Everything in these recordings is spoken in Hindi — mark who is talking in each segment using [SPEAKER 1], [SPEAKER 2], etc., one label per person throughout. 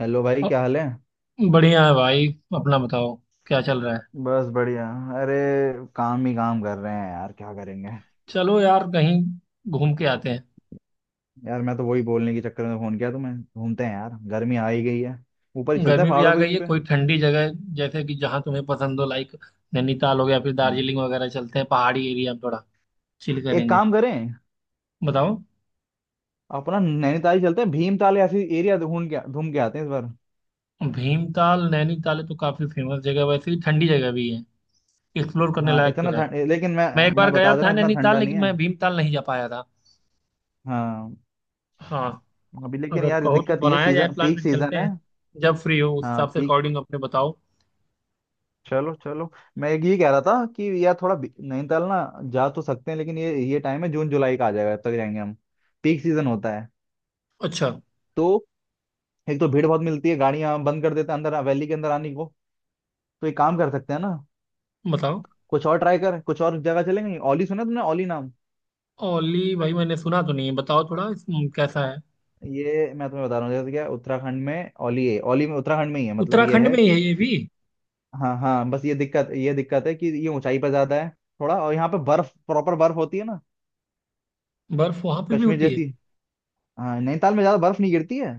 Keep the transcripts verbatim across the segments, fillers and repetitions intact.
[SPEAKER 1] हेलो भाई
[SPEAKER 2] अ-
[SPEAKER 1] क्या हाल है।
[SPEAKER 2] बढ़िया है भाई। अपना बताओ, क्या चल रहा है।
[SPEAKER 1] बस बढ़िया। अरे काम ही काम कर रहे हैं यार क्या करेंगे।
[SPEAKER 2] चलो यार, कहीं घूम के आते हैं।
[SPEAKER 1] यार मैं तो वही बोलने के चक्कर में फोन किया तुम्हें, घूमते हैं यार, गर्मी आ ही गई है। ऊपर ही चलते हैं
[SPEAKER 2] गर्मी भी आ
[SPEAKER 1] पहाड़ों पे
[SPEAKER 2] गई
[SPEAKER 1] कहीं
[SPEAKER 2] है,
[SPEAKER 1] पे।
[SPEAKER 2] कोई ठंडी जगह जैसे कि जहाँ तुम्हें पसंद हो। लाइक नैनीताल हो गया, फिर
[SPEAKER 1] हम्म,
[SPEAKER 2] दार्जिलिंग वगैरह। चलते हैं पहाड़ी एरिया में, थोड़ा चिल
[SPEAKER 1] एक
[SPEAKER 2] करेंगे।
[SPEAKER 1] काम करें,
[SPEAKER 2] बताओ।
[SPEAKER 1] अपना नैनीताल ही चलते हैं, भीमताल ऐसी एरिया ढूंढ के घूम के आते हैं इस बार।
[SPEAKER 2] भीमताल नैनीताल तो काफी फेमस जगह है, वैसे भी ठंडी जगह भी है, एक्सप्लोर करने
[SPEAKER 1] हाँ
[SPEAKER 2] लायक तो
[SPEAKER 1] इतना
[SPEAKER 2] है।
[SPEAKER 1] ठंड लेकिन मैं
[SPEAKER 2] मैं एक बार
[SPEAKER 1] मैं
[SPEAKER 2] गया
[SPEAKER 1] बता दे
[SPEAKER 2] था
[SPEAKER 1] रहा हूँ इतना
[SPEAKER 2] नैनीताल,
[SPEAKER 1] ठंडा नहीं
[SPEAKER 2] लेकिन
[SPEAKER 1] है।
[SPEAKER 2] मैं भीमताल नहीं जा पाया था।
[SPEAKER 1] हाँ
[SPEAKER 2] हाँ।
[SPEAKER 1] अभी लेकिन
[SPEAKER 2] अगर
[SPEAKER 1] यार
[SPEAKER 2] कहो तो
[SPEAKER 1] दिक्कत ये है,
[SPEAKER 2] बनाया जाए
[SPEAKER 1] सीजन
[SPEAKER 2] प्लान,
[SPEAKER 1] पीक
[SPEAKER 2] फिर चलते
[SPEAKER 1] सीजन है।
[SPEAKER 2] हैं। जब फ्री हो उस
[SPEAKER 1] हाँ
[SPEAKER 2] हिसाब से
[SPEAKER 1] पीक,
[SPEAKER 2] अकॉर्डिंग अपने बताओ।
[SPEAKER 1] चलो चलो, मैं एक ये कह रहा था कि यार थोड़ा बी- नैनीताल ना जा तो सकते हैं, लेकिन ये ये टाइम है जून जुलाई का आ जाएगा, तब तक जाएंगे हम, पीक सीजन होता है।
[SPEAKER 2] अच्छा।
[SPEAKER 1] तो एक तो भीड़ बहुत मिलती है, गाड़ियां बंद कर देते हैं अंदर, वैली के अंदर आने को। तो एक काम कर सकते हैं ना,
[SPEAKER 2] बताओ।
[SPEAKER 1] कुछ और ट्राई कर, कुछ और जगह चलेंगे। ओली सुना तुमने, ओली नाम?
[SPEAKER 2] ओली भाई, मैंने सुना तो नहीं है। बताओ थोड़ा इस- हम्म, कैसा है।
[SPEAKER 1] ये मैं तुम्हें बता रहा हूँ, जैसे क्या उत्तराखंड में ओली है, ओली में उत्तराखंड में ही है, मतलब ये
[SPEAKER 2] उत्तराखंड
[SPEAKER 1] है
[SPEAKER 2] में ही है
[SPEAKER 1] कि
[SPEAKER 2] ये भी।
[SPEAKER 1] हाँ हाँ, बस ये दिक्कत, ये दिक्कत है कि ये ऊंचाई पर ज्यादा है, थोड़ा और। यहाँ पे बर्फ प्रॉपर बर्फ होती है ना,
[SPEAKER 2] बर्फ वहां पे भी
[SPEAKER 1] कश्मीर
[SPEAKER 2] होती है।
[SPEAKER 1] जैसी। हाँ नैनीताल में ज्यादा बर्फ नहीं गिरती है,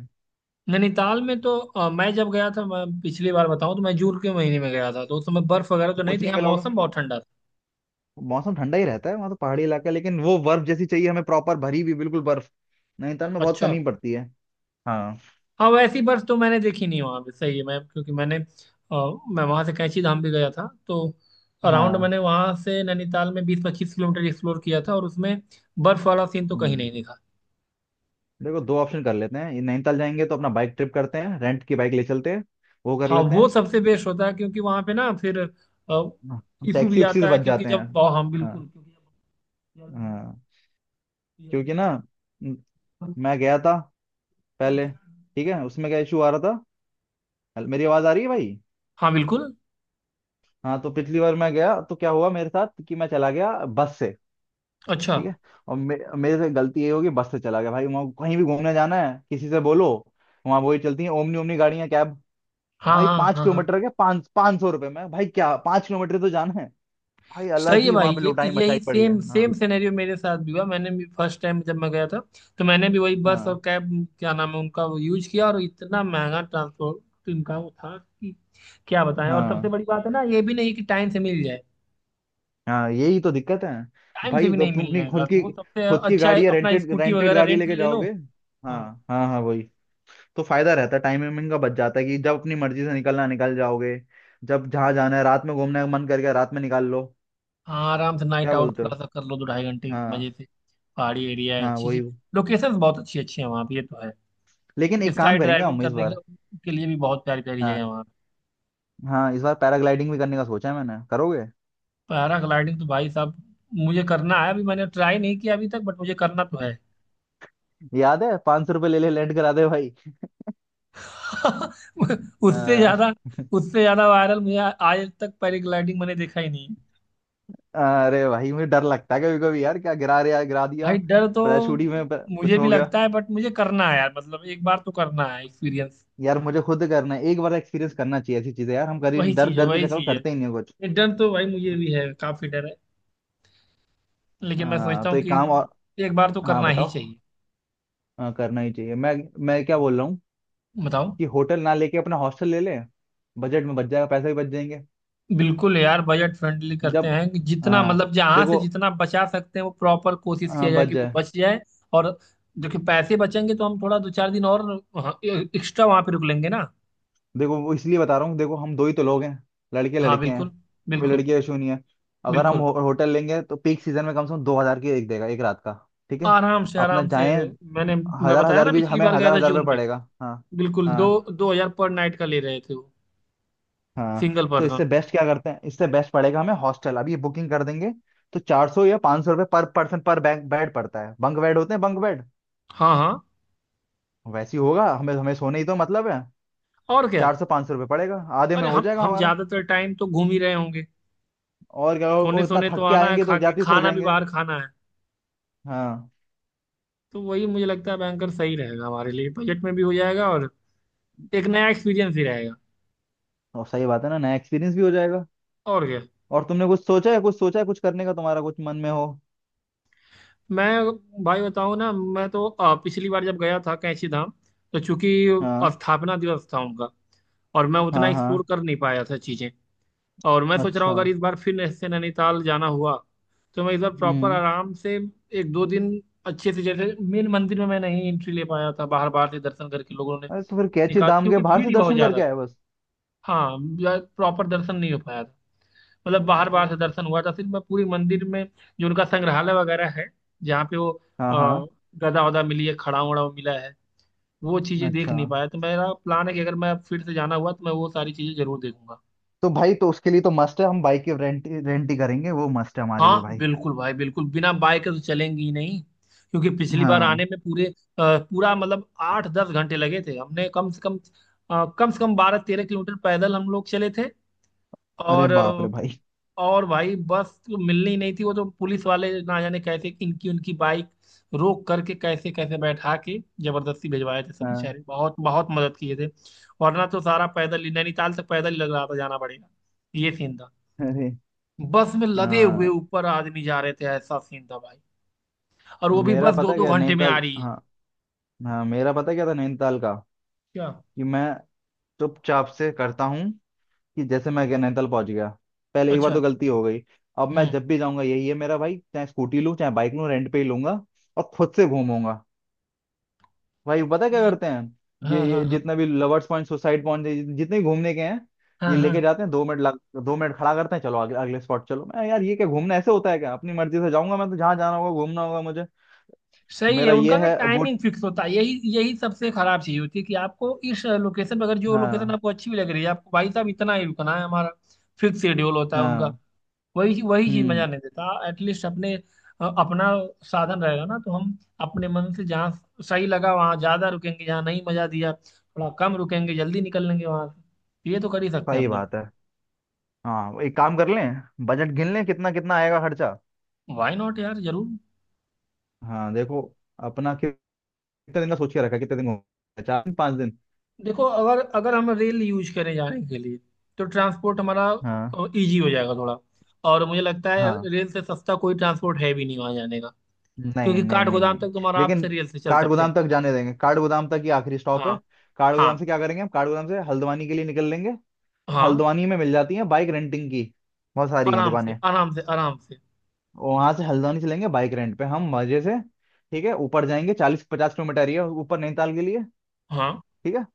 [SPEAKER 2] नैनीताल में तो अ, मैं जब गया था, मैं पिछली बार बताऊं, तो मैं जून के महीने में गया था। तो उस समय बर्फ वगैरह
[SPEAKER 1] तो
[SPEAKER 2] तो नहीं
[SPEAKER 1] कुछ
[SPEAKER 2] थी।
[SPEAKER 1] नहीं
[SPEAKER 2] हाँ
[SPEAKER 1] मिला होगा।
[SPEAKER 2] मौसम बहुत ठंडा था।
[SPEAKER 1] मौसम ठंडा ही रहता है वहां, तो पहाड़ी इलाका है, लेकिन वो बर्फ जैसी चाहिए हमें, प्रॉपर भरी हुई बिल्कुल बर्फ, नैनीताल में बहुत
[SPEAKER 2] अच्छा।
[SPEAKER 1] कमी पड़ती है। हाँ
[SPEAKER 2] हाँ वैसी बर्फ तो मैंने देखी नहीं वहां पे। सही है। मैं क्योंकि मैंने अ, मैं वहां से कैंची धाम भी गया था। तो अराउंड
[SPEAKER 1] हाँ।
[SPEAKER 2] मैंने वहां से नैनीताल में बीस पच्चीस किलोमीटर एक्सप्लोर किया था, और उसमें बर्फ वाला सीन तो कहीं
[SPEAKER 1] हम्म
[SPEAKER 2] नहीं दिखा।
[SPEAKER 1] देखो, दो ऑप्शन कर लेते हैं, ये नैनीताल जाएंगे तो अपना बाइक ट्रिप करते हैं, रेंट की बाइक ले चलते हैं, वो कर
[SPEAKER 2] हाँ
[SPEAKER 1] लेते
[SPEAKER 2] वो सबसे बेस्ट होता है, क्योंकि वहां पे ना फिर
[SPEAKER 1] हैं,
[SPEAKER 2] इशू भी
[SPEAKER 1] टैक्सी उक्सी
[SPEAKER 2] आता
[SPEAKER 1] से
[SPEAKER 2] है,
[SPEAKER 1] बच
[SPEAKER 2] क्योंकि
[SPEAKER 1] जाते हैं।
[SPEAKER 2] जब। हाँ हम
[SPEAKER 1] हाँ
[SPEAKER 2] बिल्कुल, क्योंकि जब ज्यादा भीड़-
[SPEAKER 1] हाँ,
[SPEAKER 2] जल्दी
[SPEAKER 1] क्योंकि
[SPEAKER 2] में।
[SPEAKER 1] ना, म-
[SPEAKER 2] हम
[SPEAKER 1] मैं गया था
[SPEAKER 2] तीन
[SPEAKER 1] पहले,
[SPEAKER 2] चार दिन
[SPEAKER 1] ठीक है?
[SPEAKER 2] बना दें।
[SPEAKER 1] उसमें क्या इशू आ रहा था, हेल- मेरी आवाज आ रही है भाई?
[SPEAKER 2] हाँ बिल्कुल।
[SPEAKER 1] हाँ तो पिछली बार मैं गया तो क्या हुआ मेरे साथ, कि मैं चला गया बस से,
[SPEAKER 2] अच्छा।
[SPEAKER 1] ठीक है? और मे, मेरे से गलती ये होगी, बस से चला गया भाई। वहाँ कहीं भी घूमने जाना है किसी से बोलो, वहाँ वही चलती है ओमनी, ओमनी गाड़ियाँ, कैब।
[SPEAKER 2] हाँ
[SPEAKER 1] भाई
[SPEAKER 2] हाँ
[SPEAKER 1] पाँच
[SPEAKER 2] हाँ हाँ।
[SPEAKER 1] किलोमीटर के पाँच पाँच सौ रुपये में भाई, क्या पाँच किलोमीटर तो जाना है भाई, अलग
[SPEAKER 2] सही है
[SPEAKER 1] ही
[SPEAKER 2] भाई,
[SPEAKER 1] वहाँ पे
[SPEAKER 2] ये
[SPEAKER 1] लुटाई
[SPEAKER 2] यही
[SPEAKER 1] मचाई पड़ी है।
[SPEAKER 2] सेम
[SPEAKER 1] हाँ
[SPEAKER 2] सेम सिनेरियो मेरे साथ भी हुआ। मैंने भी फर्स्ट टाइम जब मैं गया था, तो मैंने भी वही बस और
[SPEAKER 1] हाँ
[SPEAKER 2] कैब, क्या नाम है उनका, वो यूज किया। और इतना महंगा ट्रांसपोर्ट इनका वो था कि क्या बताएं। और सबसे
[SPEAKER 1] हाँ
[SPEAKER 2] बड़ी बात है ना, ये भी नहीं कि टाइम से मिल जाए।
[SPEAKER 1] हाँ, यही तो दिक्कत है
[SPEAKER 2] टाइम से
[SPEAKER 1] भाई।
[SPEAKER 2] भी
[SPEAKER 1] तो
[SPEAKER 2] नहीं
[SPEAKER 1] तुम अपनी
[SPEAKER 2] मिलने का,
[SPEAKER 1] खुद
[SPEAKER 2] तो
[SPEAKER 1] की,
[SPEAKER 2] वो सबसे।
[SPEAKER 1] खुद की
[SPEAKER 2] अच्छा है,
[SPEAKER 1] गाड़ी या
[SPEAKER 2] अपना
[SPEAKER 1] रेंटेड,
[SPEAKER 2] स्कूटी
[SPEAKER 1] रेंटेड
[SPEAKER 2] वगैरह
[SPEAKER 1] गाड़ी
[SPEAKER 2] रेंट
[SPEAKER 1] लेके
[SPEAKER 2] ले लो।
[SPEAKER 1] जाओगे, हाँ
[SPEAKER 2] हाँ।
[SPEAKER 1] हाँ हाँ वही। तो फायदा रहता है, टाइम वाइमिंग का बच जाता है, कि जब अपनी मर्जी से निकलना है, निकल जाओगे, जब जहाँ जाना है, रात में घूमने का मन करके रात में निकाल लो,
[SPEAKER 2] हाँ आराम से नाइट
[SPEAKER 1] क्या
[SPEAKER 2] आउट
[SPEAKER 1] बोलते
[SPEAKER 2] थोड़ा
[SPEAKER 1] हो।
[SPEAKER 2] सा कर लो, दो ढाई घंटे मजे
[SPEAKER 1] हाँ
[SPEAKER 2] से। पहाड़ी एरिया है,
[SPEAKER 1] हाँ
[SPEAKER 2] अच्छी
[SPEAKER 1] वही।
[SPEAKER 2] अच्छी लोकेशंस बहुत अच्छी अच्छी है वहाँ पे, ये तो है।
[SPEAKER 1] लेकिन एक
[SPEAKER 2] स्काई
[SPEAKER 1] काम करेंगे
[SPEAKER 2] ड्राइविंग
[SPEAKER 1] हम इस
[SPEAKER 2] करने के,
[SPEAKER 1] बार,
[SPEAKER 2] के लिए भी बहुत प्यारी प्यारी जगह है
[SPEAKER 1] हाँ
[SPEAKER 2] वहाँ पे।
[SPEAKER 1] हाँ, इस बार पैराग्लाइडिंग भी करने का सोचा है मैंने, करोगे?
[SPEAKER 2] पैराग्लाइडिंग तो भाई साहब मुझे करना है, अभी मैंने ट्राई नहीं किया अभी तक, बट मुझे करना तो है।
[SPEAKER 1] हम्म। याद है, पांच सौ रुपये ले ले लैंड करा दे भाई।
[SPEAKER 2] उससे
[SPEAKER 1] आ,
[SPEAKER 2] ज्यादा, उससे ज्यादा वायरल मुझे आज तक पैराग्लाइडिंग मैंने देखा ही नहीं।
[SPEAKER 1] अरे भाई मुझे डर लगता है कभी कभी यार, क्या गिरा रहा गिरा दिया,
[SPEAKER 2] भाई डर तो
[SPEAKER 1] पैराशूट ही में प-
[SPEAKER 2] मुझे
[SPEAKER 1] कुछ
[SPEAKER 2] भी
[SPEAKER 1] हो गया।
[SPEAKER 2] लगता है, बट मुझे करना है यार, मतलब एक बार तो करना है एक्सपीरियंस।
[SPEAKER 1] यार मुझे खुद करना है एक बार, एक्सपीरियंस करना चाहिए ऐसी चीजें यार, हम कर ही
[SPEAKER 2] वही
[SPEAKER 1] नहीं, डर
[SPEAKER 2] चीज है,
[SPEAKER 1] डर के
[SPEAKER 2] वही
[SPEAKER 1] चक्कर में
[SPEAKER 2] चीज है।
[SPEAKER 1] करते ही नहीं हैं कुछ।
[SPEAKER 2] ये डर तो भाई मुझे भी है, काफी डर है। लेकिन मैं
[SPEAKER 1] आ,
[SPEAKER 2] सोचता
[SPEAKER 1] तो
[SPEAKER 2] हूँ
[SPEAKER 1] एक
[SPEAKER 2] कि
[SPEAKER 1] काम और,
[SPEAKER 2] एक बार तो
[SPEAKER 1] हाँ
[SPEAKER 2] करना ही
[SPEAKER 1] बताओ,
[SPEAKER 2] चाहिए।
[SPEAKER 1] हाँ करना ही चाहिए। मैं मैं क्या बोल रहा हूँ
[SPEAKER 2] बताओ।
[SPEAKER 1] कि होटल ना लेके अपना हॉस्टल ले लें, बजट में बच जाएगा, पैसे भी बच जाएंगे।
[SPEAKER 2] बिल्कुल यार, बजट फ्रेंडली करते
[SPEAKER 1] जब
[SPEAKER 2] हैं कि जितना
[SPEAKER 1] हाँ
[SPEAKER 2] मतलब जहां से
[SPEAKER 1] देखो,
[SPEAKER 2] जितना बचा सकते हैं, वो प्रॉपर कोशिश
[SPEAKER 1] हाँ
[SPEAKER 2] किया जाए
[SPEAKER 1] बच
[SPEAKER 2] कि वो
[SPEAKER 1] जाए।
[SPEAKER 2] बच जाए। और जो कि पैसे बचेंगे, तो हम थोड़ा दो चार दिन और एक्स्ट्रा वहां पे रुक लेंगे ना।
[SPEAKER 1] देखो वो इसलिए बता रहा हूँ, देखो हम दो ही तो लोग हैं, लड़के
[SPEAKER 2] हाँ
[SPEAKER 1] लड़के हैं,
[SPEAKER 2] बिल्कुल
[SPEAKER 1] कोई
[SPEAKER 2] बिल्कुल
[SPEAKER 1] लड़की का इशू नहीं है। अगर हम
[SPEAKER 2] बिल्कुल।
[SPEAKER 1] हो, होटल लेंगे तो पीक सीजन में कम से कम दो हजार की एक देगा, एक रात का, ठीक है?
[SPEAKER 2] आराम से
[SPEAKER 1] अपना
[SPEAKER 2] आराम से।
[SPEAKER 1] जाए
[SPEAKER 2] मैंने मैं
[SPEAKER 1] हजार
[SPEAKER 2] बताया
[SPEAKER 1] हजार
[SPEAKER 2] ना,
[SPEAKER 1] भी
[SPEAKER 2] पिछली
[SPEAKER 1] हमें,
[SPEAKER 2] बार गया
[SPEAKER 1] हजार
[SPEAKER 2] था
[SPEAKER 1] हजार रुपये
[SPEAKER 2] जून में।
[SPEAKER 1] पड़ेगा। हाँ
[SPEAKER 2] बिल्कुल दो
[SPEAKER 1] हाँ
[SPEAKER 2] दो हजार पर नाइट का ले रहे थे वो,
[SPEAKER 1] हाँ।
[SPEAKER 2] सिंगल
[SPEAKER 1] तो
[SPEAKER 2] पर्सन।
[SPEAKER 1] इससे बेस्ट क्या करते हैं, इससे बेस्ट पड़ेगा हमें हॉस्टल, अभी ये बुकिंग कर देंगे तो चार सौ या पाँच सौ रुपये पर पर्सन पर बैग बेड पड़ता है, बंक बेड होते हैं, बंक बेड।
[SPEAKER 2] हाँ हाँ।
[SPEAKER 1] वैसे ही होगा, हमें, हमें सोने ही तो मतलब है,
[SPEAKER 2] और क्या।
[SPEAKER 1] चार सौ पाँच सौ रुपये पड़ेगा, आधे में
[SPEAKER 2] अरे
[SPEAKER 1] हो
[SPEAKER 2] हम
[SPEAKER 1] जाएगा
[SPEAKER 2] हम
[SPEAKER 1] हमारा।
[SPEAKER 2] ज्यादातर टाइम तो घूम ही रहे होंगे।
[SPEAKER 1] और क्या, वो
[SPEAKER 2] सोने
[SPEAKER 1] वो इतना
[SPEAKER 2] सोने तो
[SPEAKER 1] थक के
[SPEAKER 2] आना है,
[SPEAKER 1] आएंगे
[SPEAKER 2] खा
[SPEAKER 1] तो
[SPEAKER 2] के
[SPEAKER 1] जाते ही सो
[SPEAKER 2] खाना भी
[SPEAKER 1] जाएंगे।
[SPEAKER 2] बाहर खाना है।
[SPEAKER 1] हाँ,
[SPEAKER 2] तो वही मुझे लगता है, बैंकर सही रहेगा हमारे लिए, बजट में भी हो जाएगा और एक नया एक्सपीरियंस ही रहेगा।
[SPEAKER 1] और सही बात है ना, नया एक्सपीरियंस भी हो जाएगा।
[SPEAKER 2] और क्या।
[SPEAKER 1] और तुमने कुछ सोचा है, कुछ सोचा है, कुछ करने का तुम्हारा कुछ मन में हो?
[SPEAKER 2] मैं भाई बताऊँ ना, मैं तो अ, पिछली बार जब गया था कैंची धाम, तो चूंकि
[SPEAKER 1] हाँ
[SPEAKER 2] स्थापना दिवस था उनका, और मैं उतना
[SPEAKER 1] हाँ हाँ।
[SPEAKER 2] एक्सप्लोर कर नहीं पाया था चीजें। और मैं सोच रहा हूँ
[SPEAKER 1] अच्छा।
[SPEAKER 2] अगर इस बार फिर ऐसे नैनीताल जाना हुआ, तो मैं इस बार प्रॉपर
[SPEAKER 1] हम्म
[SPEAKER 2] आराम से एक दो दिन अच्छे से, जैसे मेन मंदिर में मैं नहीं एंट्री ले पाया था, बाहर बाहर से दर्शन करके लोगों ने
[SPEAKER 1] अरे तो फिर कैची
[SPEAKER 2] निकाल,
[SPEAKER 1] धाम के
[SPEAKER 2] क्योंकि
[SPEAKER 1] बाहर
[SPEAKER 2] भीड़
[SPEAKER 1] से
[SPEAKER 2] ही बहुत
[SPEAKER 1] दर्शन
[SPEAKER 2] ज्यादा
[SPEAKER 1] करके
[SPEAKER 2] थी।
[SPEAKER 1] आए बस।
[SPEAKER 2] हाँ प्रॉपर दर्शन नहीं हो पाया था, मतलब बाहर
[SPEAKER 1] अरे,
[SPEAKER 2] बाहर से दर्शन हुआ था सिर्फ। मैं पूरी मंदिर में, जो उनका संग्रहालय वगैरह है, जहाँ पे वो
[SPEAKER 1] हाँ
[SPEAKER 2] अ,
[SPEAKER 1] हाँ,
[SPEAKER 2] गदा वदा मिली है, खड़ाउं वड़ाउं मिला है, वो चीजें देख
[SPEAKER 1] अच्छा
[SPEAKER 2] नहीं पाया। तो मेरा प्लान है कि अगर मैं फिर से जाना हुआ, तो मैं वो सारी चीजें जरूर देखूंगा।
[SPEAKER 1] तो भाई, तो उसके लिए तो मस्ट है, हम बाइक की रेंट, रेंट ही करेंगे, वो मस्ट है हमारे लिए
[SPEAKER 2] हाँ
[SPEAKER 1] भाई।
[SPEAKER 2] बिल्कुल भाई बिल्कुल, बिना बाइक के तो चलेंगी ही नहीं। क्योंकि पिछली बार आने
[SPEAKER 1] हाँ,
[SPEAKER 2] में पूरे अ, पूरा मतलब आठ दस घंटे लगे थे हमने कम से कम। अ, कम से कम बारह तेरह किलोमीटर पैदल हम लोग चले थे।
[SPEAKER 1] अरे
[SPEAKER 2] और
[SPEAKER 1] बाप रे
[SPEAKER 2] अ,
[SPEAKER 1] भाई,
[SPEAKER 2] और भाई बस तो मिलनी ही नहीं थी, वो तो पुलिस वाले ना जाने कैसे इनकी उनकी बाइक रोक करके, कैसे कैसे बैठा के जबरदस्ती भिजवाए थे सब।
[SPEAKER 1] हाँ,
[SPEAKER 2] बेचारे बहुत बहुत मदद किए थे। वरना तो सारा पैदल ही, नैनीताल तक पैदल ही लग रहा था जाना पड़ेगा। ये सीन था।
[SPEAKER 1] अरे,
[SPEAKER 2] बस में लदे हुए
[SPEAKER 1] हाँ।
[SPEAKER 2] ऊपर आदमी जा रहे थे, ऐसा सीन था भाई। और वो भी
[SPEAKER 1] मेरा
[SPEAKER 2] बस दो
[SPEAKER 1] पता
[SPEAKER 2] दो
[SPEAKER 1] क्या
[SPEAKER 2] घंटे में आ
[SPEAKER 1] नैनीताल,
[SPEAKER 2] रही है।
[SPEAKER 1] हाँ हाँ, मेरा पता क्या था नैनीताल का,
[SPEAKER 2] क्या।
[SPEAKER 1] कि मैं चुपचाप से करता हूँ, कि जैसे मैं नैनीताल पहुंच गया, पहले एक बार तो
[SPEAKER 2] अच्छा।
[SPEAKER 1] गलती हो गई, अब मैं
[SPEAKER 2] हम्म।
[SPEAKER 1] जब भी जाऊंगा यही है मेरा भाई, चाहे स्कूटी लूँ चाहे बाइक लूँ, रेंट पे ही लूंगा और खुद से घूमूंगा। भाई पता है क्या
[SPEAKER 2] ये-
[SPEAKER 1] करते हैं,
[SPEAKER 2] हाँ
[SPEAKER 1] ये,
[SPEAKER 2] हाँ
[SPEAKER 1] ये
[SPEAKER 2] हाँ
[SPEAKER 1] जितने भी लवर्स पॉइंट, सुसाइड पॉइंट, जितने भी घूमने के हैं,
[SPEAKER 2] हाँ।
[SPEAKER 1] ये
[SPEAKER 2] हाँ
[SPEAKER 1] लेके जाते हैं, दो मिनट लग, दो मिनट खड़ा करते हैं, चलो अगले, अगले स्पॉट चलो। मैं यार ये क्या घूमना ऐसे होता है क्या, अपनी मर्जी से जाऊंगा मैं तो, जहाँ जाना होगा घूमना होगा मुझे,
[SPEAKER 2] सही है,
[SPEAKER 1] मेरा ये
[SPEAKER 2] उनका ना
[SPEAKER 1] है बोट।
[SPEAKER 2] टाइमिंग फिक्स होता है। यही यही सबसे खराब चीज होती है कि आपको इस लोकेशन पर, अगर जो लोकेशन
[SPEAKER 1] हाँ
[SPEAKER 2] आपको अच्छी भी लग रही है, आपको भाई साहब इतना ही रुकना है। हमारा फिक्स शेड्यूल होता है उनका।
[SPEAKER 1] हाँ,
[SPEAKER 2] वही वही चीज
[SPEAKER 1] हम्म
[SPEAKER 2] मजा नहीं देता। एटलीस्ट अपने अ, अपना साधन रहेगा ना, तो हम अपने मन से जहाँ सही लगा वहां ज्यादा रुकेंगे, जहाँ नहीं मजा दिया थोड़ा कम रुकेंगे, जल्दी निकल लेंगे वहां से। ये तो कर ही सकते हैं
[SPEAKER 1] सही
[SPEAKER 2] हम दोनों।
[SPEAKER 1] बात है। हाँ एक काम कर लें, बजट गिन लें कितना कितना आएगा खर्चा।
[SPEAKER 2] वाई नॉट यार, जरूर।
[SPEAKER 1] हाँ देखो, अपना कितने दिन का सोच के रखा है, कितने दिन हो गए? चार दिन पाँच दिन।
[SPEAKER 2] देखो अगर अगर हम रेल यूज करें जाने के लिए, तो ट्रांसपोर्ट हमारा
[SPEAKER 1] हाँ
[SPEAKER 2] इजी हो जाएगा थोड़ा। और मुझे लगता है
[SPEAKER 1] हाँ,
[SPEAKER 2] रेल से सस्ता कोई ट्रांसपोर्ट है भी नहीं वहां जाने का।
[SPEAKER 1] नहीं
[SPEAKER 2] क्योंकि
[SPEAKER 1] नहीं
[SPEAKER 2] काठ
[SPEAKER 1] नहीं
[SPEAKER 2] गोदाम
[SPEAKER 1] नहीं,
[SPEAKER 2] तक तुम आराम
[SPEAKER 1] लेकिन
[SPEAKER 2] से रेल से चल
[SPEAKER 1] काठ
[SPEAKER 2] सकते
[SPEAKER 1] गोदाम
[SPEAKER 2] हैं।
[SPEAKER 1] तक जाने देंगे, काठ गोदाम तक ही आखिरी स्टॉप
[SPEAKER 2] हाँ।
[SPEAKER 1] है। काठ
[SPEAKER 2] हाँ
[SPEAKER 1] गोदाम से क्या करेंगे, हम काठ गोदाम से हल्द्वानी के लिए निकल लेंगे।
[SPEAKER 2] हाँ
[SPEAKER 1] हल्द्वानी में मिल जाती है बाइक रेंटिंग की, बहुत सारी हैं
[SPEAKER 2] आराम से
[SPEAKER 1] दुकानें।
[SPEAKER 2] आराम से आराम से।
[SPEAKER 1] वहां से हल्द्वानी चलेंगे बाइक रेंट पे, हम मजे से, ठीक है? ऊपर जाएंगे, चालीस पचास किलोमीटर ही है ऊपर नैनीताल के लिए,
[SPEAKER 2] हाँ।
[SPEAKER 1] ठीक है।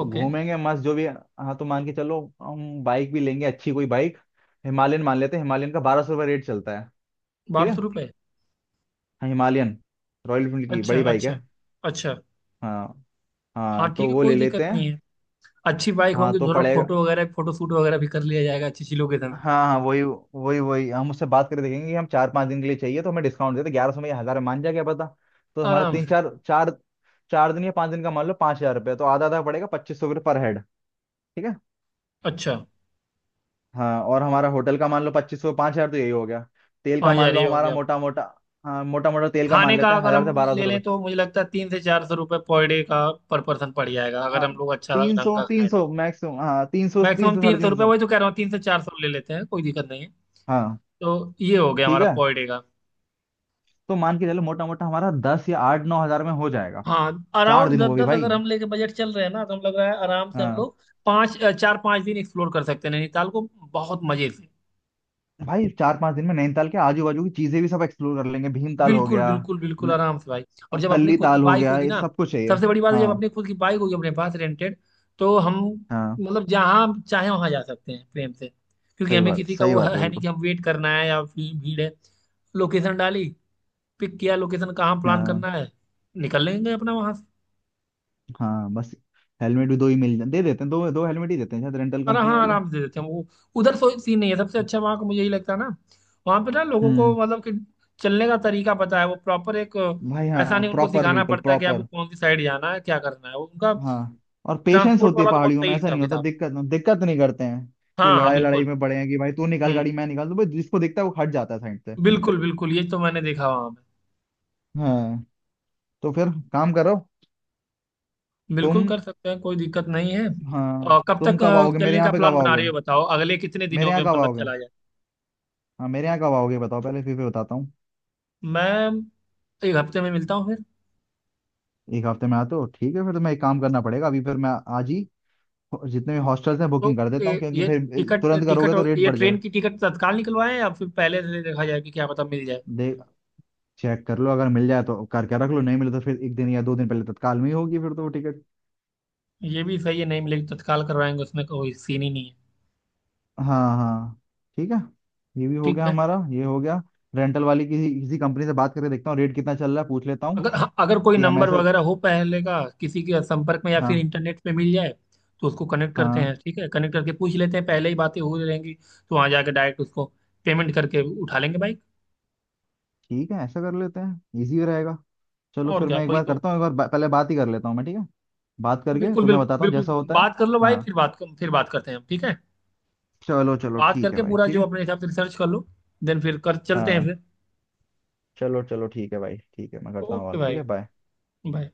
[SPEAKER 1] और घूमेंगे मस्त जो भी, हाँ तो मान के चलो हम बाइक भी लेंगे अच्छी कोई बाइक, हिमालयन मान लेते हैं, हिमालयन का बारह सौ रुपये रेट चलता है, ठीक
[SPEAKER 2] बारह
[SPEAKER 1] है।
[SPEAKER 2] सौ रुपए
[SPEAKER 1] हाँ हिमालयन, रॉयल एनफील्ड की
[SPEAKER 2] अच्छा
[SPEAKER 1] बड़ी बाइक
[SPEAKER 2] अच्छा।
[SPEAKER 1] है।
[SPEAKER 2] अच्छा।
[SPEAKER 1] हाँ हाँ,
[SPEAKER 2] हाँ
[SPEAKER 1] तो
[SPEAKER 2] ठीक है,
[SPEAKER 1] वो ले
[SPEAKER 2] कोई
[SPEAKER 1] लेते
[SPEAKER 2] दिक्कत नहीं
[SPEAKER 1] हैं।
[SPEAKER 2] है। अच्छी बाइक
[SPEAKER 1] हाँ
[SPEAKER 2] होंगी,
[SPEAKER 1] तो
[SPEAKER 2] थोड़ा
[SPEAKER 1] पड़ेगा।
[SPEAKER 2] फोटो वगैरह, फोटो शूट वगैरह भी कर लिया जाएगा अच्छी चीजों के
[SPEAKER 1] हाँ
[SPEAKER 2] समय।
[SPEAKER 1] हाँ वही वही वही, हम उससे बात करके देखेंगे कि हम चार पाँच दिन के लिए चाहिए तो हमें डिस्काउंट देते, ग्यारह सौ में या हज़ार मान जाए, क्या पता। तो हमारा
[SPEAKER 2] आराम
[SPEAKER 1] तीन
[SPEAKER 2] से।
[SPEAKER 1] चार चार, चार दिन या पाँच दिन का मान लो, पाँच हज़ार रुपये तो, आधा आधा पड़ेगा, पच्चीस सौ रुपये पर हेड, ठीक है।
[SPEAKER 2] अच्छा।
[SPEAKER 1] हाँ और हमारा होटल का मान लो पच्चीस सौ, पाँच हजार, तो यही हो गया। तेल का
[SPEAKER 2] पाँच
[SPEAKER 1] मान
[SPEAKER 2] हजार
[SPEAKER 1] लो
[SPEAKER 2] ये हो
[SPEAKER 1] हमारा
[SPEAKER 2] गया अपना।
[SPEAKER 1] मोटा मोटा, हाँ मोटा मोटा तेल का मान
[SPEAKER 2] खाने का
[SPEAKER 1] लेते हैं
[SPEAKER 2] अगर
[SPEAKER 1] हजार से
[SPEAKER 2] हम
[SPEAKER 1] बारह सौ
[SPEAKER 2] ले लें,
[SPEAKER 1] रुपये
[SPEAKER 2] तो मुझे लगता है तीन से चार सौ रुपये पर डे का, पर पर्सन पड़ जाएगा, अगर
[SPEAKER 1] हाँ
[SPEAKER 2] हम लोग अच्छा
[SPEAKER 1] तीन
[SPEAKER 2] ढंग
[SPEAKER 1] सौ
[SPEAKER 2] का
[SPEAKER 1] तीन
[SPEAKER 2] खाएं।
[SPEAKER 1] सौ मैक्सिमम, हाँ तीन सौ तीन
[SPEAKER 2] मैक्सिमम
[SPEAKER 1] सौ साढ़े
[SPEAKER 2] तीन सौ
[SPEAKER 1] तीन
[SPEAKER 2] रुपये
[SPEAKER 1] सौ
[SPEAKER 2] वही तो कह रहा हूँ, तीन से चार सौ ले लेते हैं, कोई दिक्कत नहीं है।
[SPEAKER 1] हाँ
[SPEAKER 2] तो ये हो गया
[SPEAKER 1] ठीक
[SPEAKER 2] हमारा
[SPEAKER 1] है,
[SPEAKER 2] पर डे का।
[SPEAKER 1] तो मान के चलो मोटा मोटा हमारा दस या आठ नौ हजार में हो जाएगा,
[SPEAKER 2] हाँ
[SPEAKER 1] चार
[SPEAKER 2] अराउंड
[SPEAKER 1] दिन
[SPEAKER 2] दस
[SPEAKER 1] वो भी
[SPEAKER 2] दस अगर
[SPEAKER 1] भाई।
[SPEAKER 2] हम लेके बजट चल रहे हैं ना, तो हम, लग रहा है आराम से हम
[SPEAKER 1] हाँ।
[SPEAKER 2] लोग पाँच अ, चार पाँच दिन एक्सप्लोर कर सकते हैं नैनीताल को, बहुत मजे से।
[SPEAKER 1] भाई चार पांच दिन में नैनीताल के आजू बाजू की चीजें भी सब एक्सप्लोर कर लेंगे, भीमताल हो
[SPEAKER 2] बिल्कुल
[SPEAKER 1] गया,
[SPEAKER 2] बिल्कुल बिल्कुल
[SPEAKER 1] न-
[SPEAKER 2] आराम से भाई। और
[SPEAKER 1] और
[SPEAKER 2] जब अपनी
[SPEAKER 1] तल्ली
[SPEAKER 2] खुद की
[SPEAKER 1] ताल हो
[SPEAKER 2] बाइक
[SPEAKER 1] गया,
[SPEAKER 2] होगी
[SPEAKER 1] ये
[SPEAKER 2] ना,
[SPEAKER 1] सब कुछ है ये।
[SPEAKER 2] सबसे बड़ी बात है, जब
[SPEAKER 1] हाँ
[SPEAKER 2] अपनी खुद की बाइक होगी अपने पास, रेंटेड, तो हम
[SPEAKER 1] हाँ,
[SPEAKER 2] मतलब जहाँ चाहे वहाँ जा सकते हैं प्रेम से। क्योंकि
[SPEAKER 1] सही
[SPEAKER 2] हमें
[SPEAKER 1] बात,
[SPEAKER 2] किसी का
[SPEAKER 1] सही
[SPEAKER 2] वो है,
[SPEAKER 1] बात है
[SPEAKER 2] है नहीं
[SPEAKER 1] बिल्कुल।
[SPEAKER 2] कि हम वेट करना है या फिर भीड़ है। लोकेशन डाली, पिक किया लोकेशन, कहाँ प्लान
[SPEAKER 1] हाँ
[SPEAKER 2] करना है, निकल लेंगे अपना वहाँ।
[SPEAKER 1] हाँ बस, हेलमेट भी दो ही मिल जाते, दे देते हैं दो दो हेलमेट ही देते हैं शायद रेंटल
[SPEAKER 2] और
[SPEAKER 1] कंपनी
[SPEAKER 2] हाँ,
[SPEAKER 1] वाले।
[SPEAKER 2] आराम से दे देते हैं वो, उधर कोई सीन नहीं है। सबसे अच्छा वहाँ का मुझे यही लगता है ना, वहाँ पे ना लोगों को,
[SPEAKER 1] हम्म,
[SPEAKER 2] मतलब कि चलने का तरीका पता है। वो प्रॉपर एक
[SPEAKER 1] भाई
[SPEAKER 2] अ, ऐसा
[SPEAKER 1] हाँ
[SPEAKER 2] नहीं उनको
[SPEAKER 1] प्रॉपर,
[SPEAKER 2] सिखाना
[SPEAKER 1] बिल्कुल
[SPEAKER 2] पड़ता है कि आपको
[SPEAKER 1] प्रॉपर।
[SPEAKER 2] कौन सी साइड जाना है क्या करना है, वो उनका
[SPEAKER 1] हाँ और पेशेंस
[SPEAKER 2] ट्रांसपोर्ट
[SPEAKER 1] होती है
[SPEAKER 2] वाला तो बहुत
[SPEAKER 1] पहाड़ियों
[SPEAKER 2] सही
[SPEAKER 1] में, ऐसा
[SPEAKER 2] हिसाब
[SPEAKER 1] नहीं होता
[SPEAKER 2] किताब।
[SPEAKER 1] दिक्कत, दिक्कत नहीं करते हैं
[SPEAKER 2] हाँ
[SPEAKER 1] कि
[SPEAKER 2] हाँ
[SPEAKER 1] लड़ाई लड़ाई
[SPEAKER 2] बिल्कुल।
[SPEAKER 1] में पड़े हैं कि भाई तू निकाल
[SPEAKER 2] हम्म।
[SPEAKER 1] गाड़ी मैं निकाल दूं, भाई जिसको दिखता है वो हट जाता है साइड से।
[SPEAKER 2] बिल्कुल बिल्कुल, ये तो मैंने देखा वहाँ पे।
[SPEAKER 1] हाँ तो फिर काम करो
[SPEAKER 2] बिल्कुल
[SPEAKER 1] तुम।
[SPEAKER 2] कर सकते हैं, कोई दिक्कत नहीं है।
[SPEAKER 1] हाँ,
[SPEAKER 2] और कब
[SPEAKER 1] तुम
[SPEAKER 2] तक
[SPEAKER 1] कब
[SPEAKER 2] अ,
[SPEAKER 1] आओगे मेरे
[SPEAKER 2] चलने
[SPEAKER 1] यहाँ
[SPEAKER 2] का
[SPEAKER 1] पे, कब
[SPEAKER 2] प्लान बना
[SPEAKER 1] आओगे,
[SPEAKER 2] रही हो, बताओ अगले कितने
[SPEAKER 1] मेरे
[SPEAKER 2] दिनों
[SPEAKER 1] यहाँ
[SPEAKER 2] में
[SPEAKER 1] कब
[SPEAKER 2] मतलब
[SPEAKER 1] आओगे?
[SPEAKER 2] चला जाए।
[SPEAKER 1] हाँ मेरे यहाँ कब आओगे, बताओ पहले फिर फिर बताता हूँ।
[SPEAKER 2] मैं एक हफ्ते में मिलता हूँ।
[SPEAKER 1] एक हफ्ते में आते हो, ठीक है, फिर तुम्हें एक काम करना पड़ेगा। अभी फिर मैं आज ही जितने भी हॉस्टल्स हैं
[SPEAKER 2] तो
[SPEAKER 1] बुकिंग कर देता हूँ,
[SPEAKER 2] ए,
[SPEAKER 1] क्योंकि
[SPEAKER 2] ये
[SPEAKER 1] फिर
[SPEAKER 2] टिकट,
[SPEAKER 1] तुरंत
[SPEAKER 2] टिकट,
[SPEAKER 1] करोगे तो रेट
[SPEAKER 2] ये
[SPEAKER 1] बढ़
[SPEAKER 2] ट्रेन
[SPEAKER 1] जाएगा।
[SPEAKER 2] की टिकट तत्काल निकलवाएं या फिर पहले से देखा जाए कि क्या पता मिल जाए।
[SPEAKER 1] देख, चेक कर लो, अगर मिल जाए तो करके रख लो, नहीं मिले तो फिर एक दिन या दो दिन पहले तत्काल में ही होगी फिर तो वो टिकट।
[SPEAKER 2] ये भी सही है, नहीं मिलेगी तो तत्काल करवाएंगे, उसमें कोई सीन ही नहीं है।
[SPEAKER 1] हाँ हाँ, ठीक है, ये भी हो
[SPEAKER 2] ठीक
[SPEAKER 1] गया
[SPEAKER 2] है।
[SPEAKER 1] हमारा, ये हो गया। रेंटल वाली किसी किसी कंपनी से बात करके देखता हूँ रेट कितना चल रहा है पूछ लेता हूँ,
[SPEAKER 2] अगर, हाँ, अगर कोई
[SPEAKER 1] कि हम
[SPEAKER 2] नंबर
[SPEAKER 1] ऐसे,
[SPEAKER 2] वगैरह हो पहले का किसी के संपर्क में या फिर
[SPEAKER 1] हाँ
[SPEAKER 2] इंटरनेट पे मिल जाए, तो उसको कनेक्ट करते हैं।
[SPEAKER 1] हाँ,
[SPEAKER 2] ठीक है, कनेक्ट करके पूछ लेते हैं, पहले ही बातें हो रहेंगी तो वहाँ जाके डायरेक्ट उसको पेमेंट करके उठा लेंगे बाइक।
[SPEAKER 1] ठीक है, ऐसा कर लेते हैं, इजी रहेगा। चलो
[SPEAKER 2] और
[SPEAKER 1] फिर
[SPEAKER 2] क्या,
[SPEAKER 1] मैं एक
[SPEAKER 2] वही
[SPEAKER 1] बार
[SPEAKER 2] तो।
[SPEAKER 1] करता हूँ, एक बार बा- पहले बात ही कर लेता हूँ मैं, ठीक है। बात करके
[SPEAKER 2] बिल्कुल
[SPEAKER 1] तो मैं
[SPEAKER 2] बिल्कुल
[SPEAKER 1] बताता हूँ जैसा
[SPEAKER 2] बिल्कुल,
[SPEAKER 1] होता है।
[SPEAKER 2] बात कर लो भाई,
[SPEAKER 1] हाँ
[SPEAKER 2] फिर बात फिर बात करते हैं हम, ठीक है।
[SPEAKER 1] चलो चलो
[SPEAKER 2] बात
[SPEAKER 1] ठीक है
[SPEAKER 2] करके
[SPEAKER 1] भाई
[SPEAKER 2] पूरा
[SPEAKER 1] ठीक
[SPEAKER 2] जो
[SPEAKER 1] है।
[SPEAKER 2] अपने हिसाब से रिसर्च कर लो, देन फिर कर चलते हैं
[SPEAKER 1] हाँ
[SPEAKER 2] फिर।
[SPEAKER 1] चलो चलो ठीक है भाई ठीक है, मैं करता हूँ
[SPEAKER 2] ओके
[SPEAKER 1] कॉल, ठीक
[SPEAKER 2] भाई।
[SPEAKER 1] है, बाय।
[SPEAKER 2] बाय।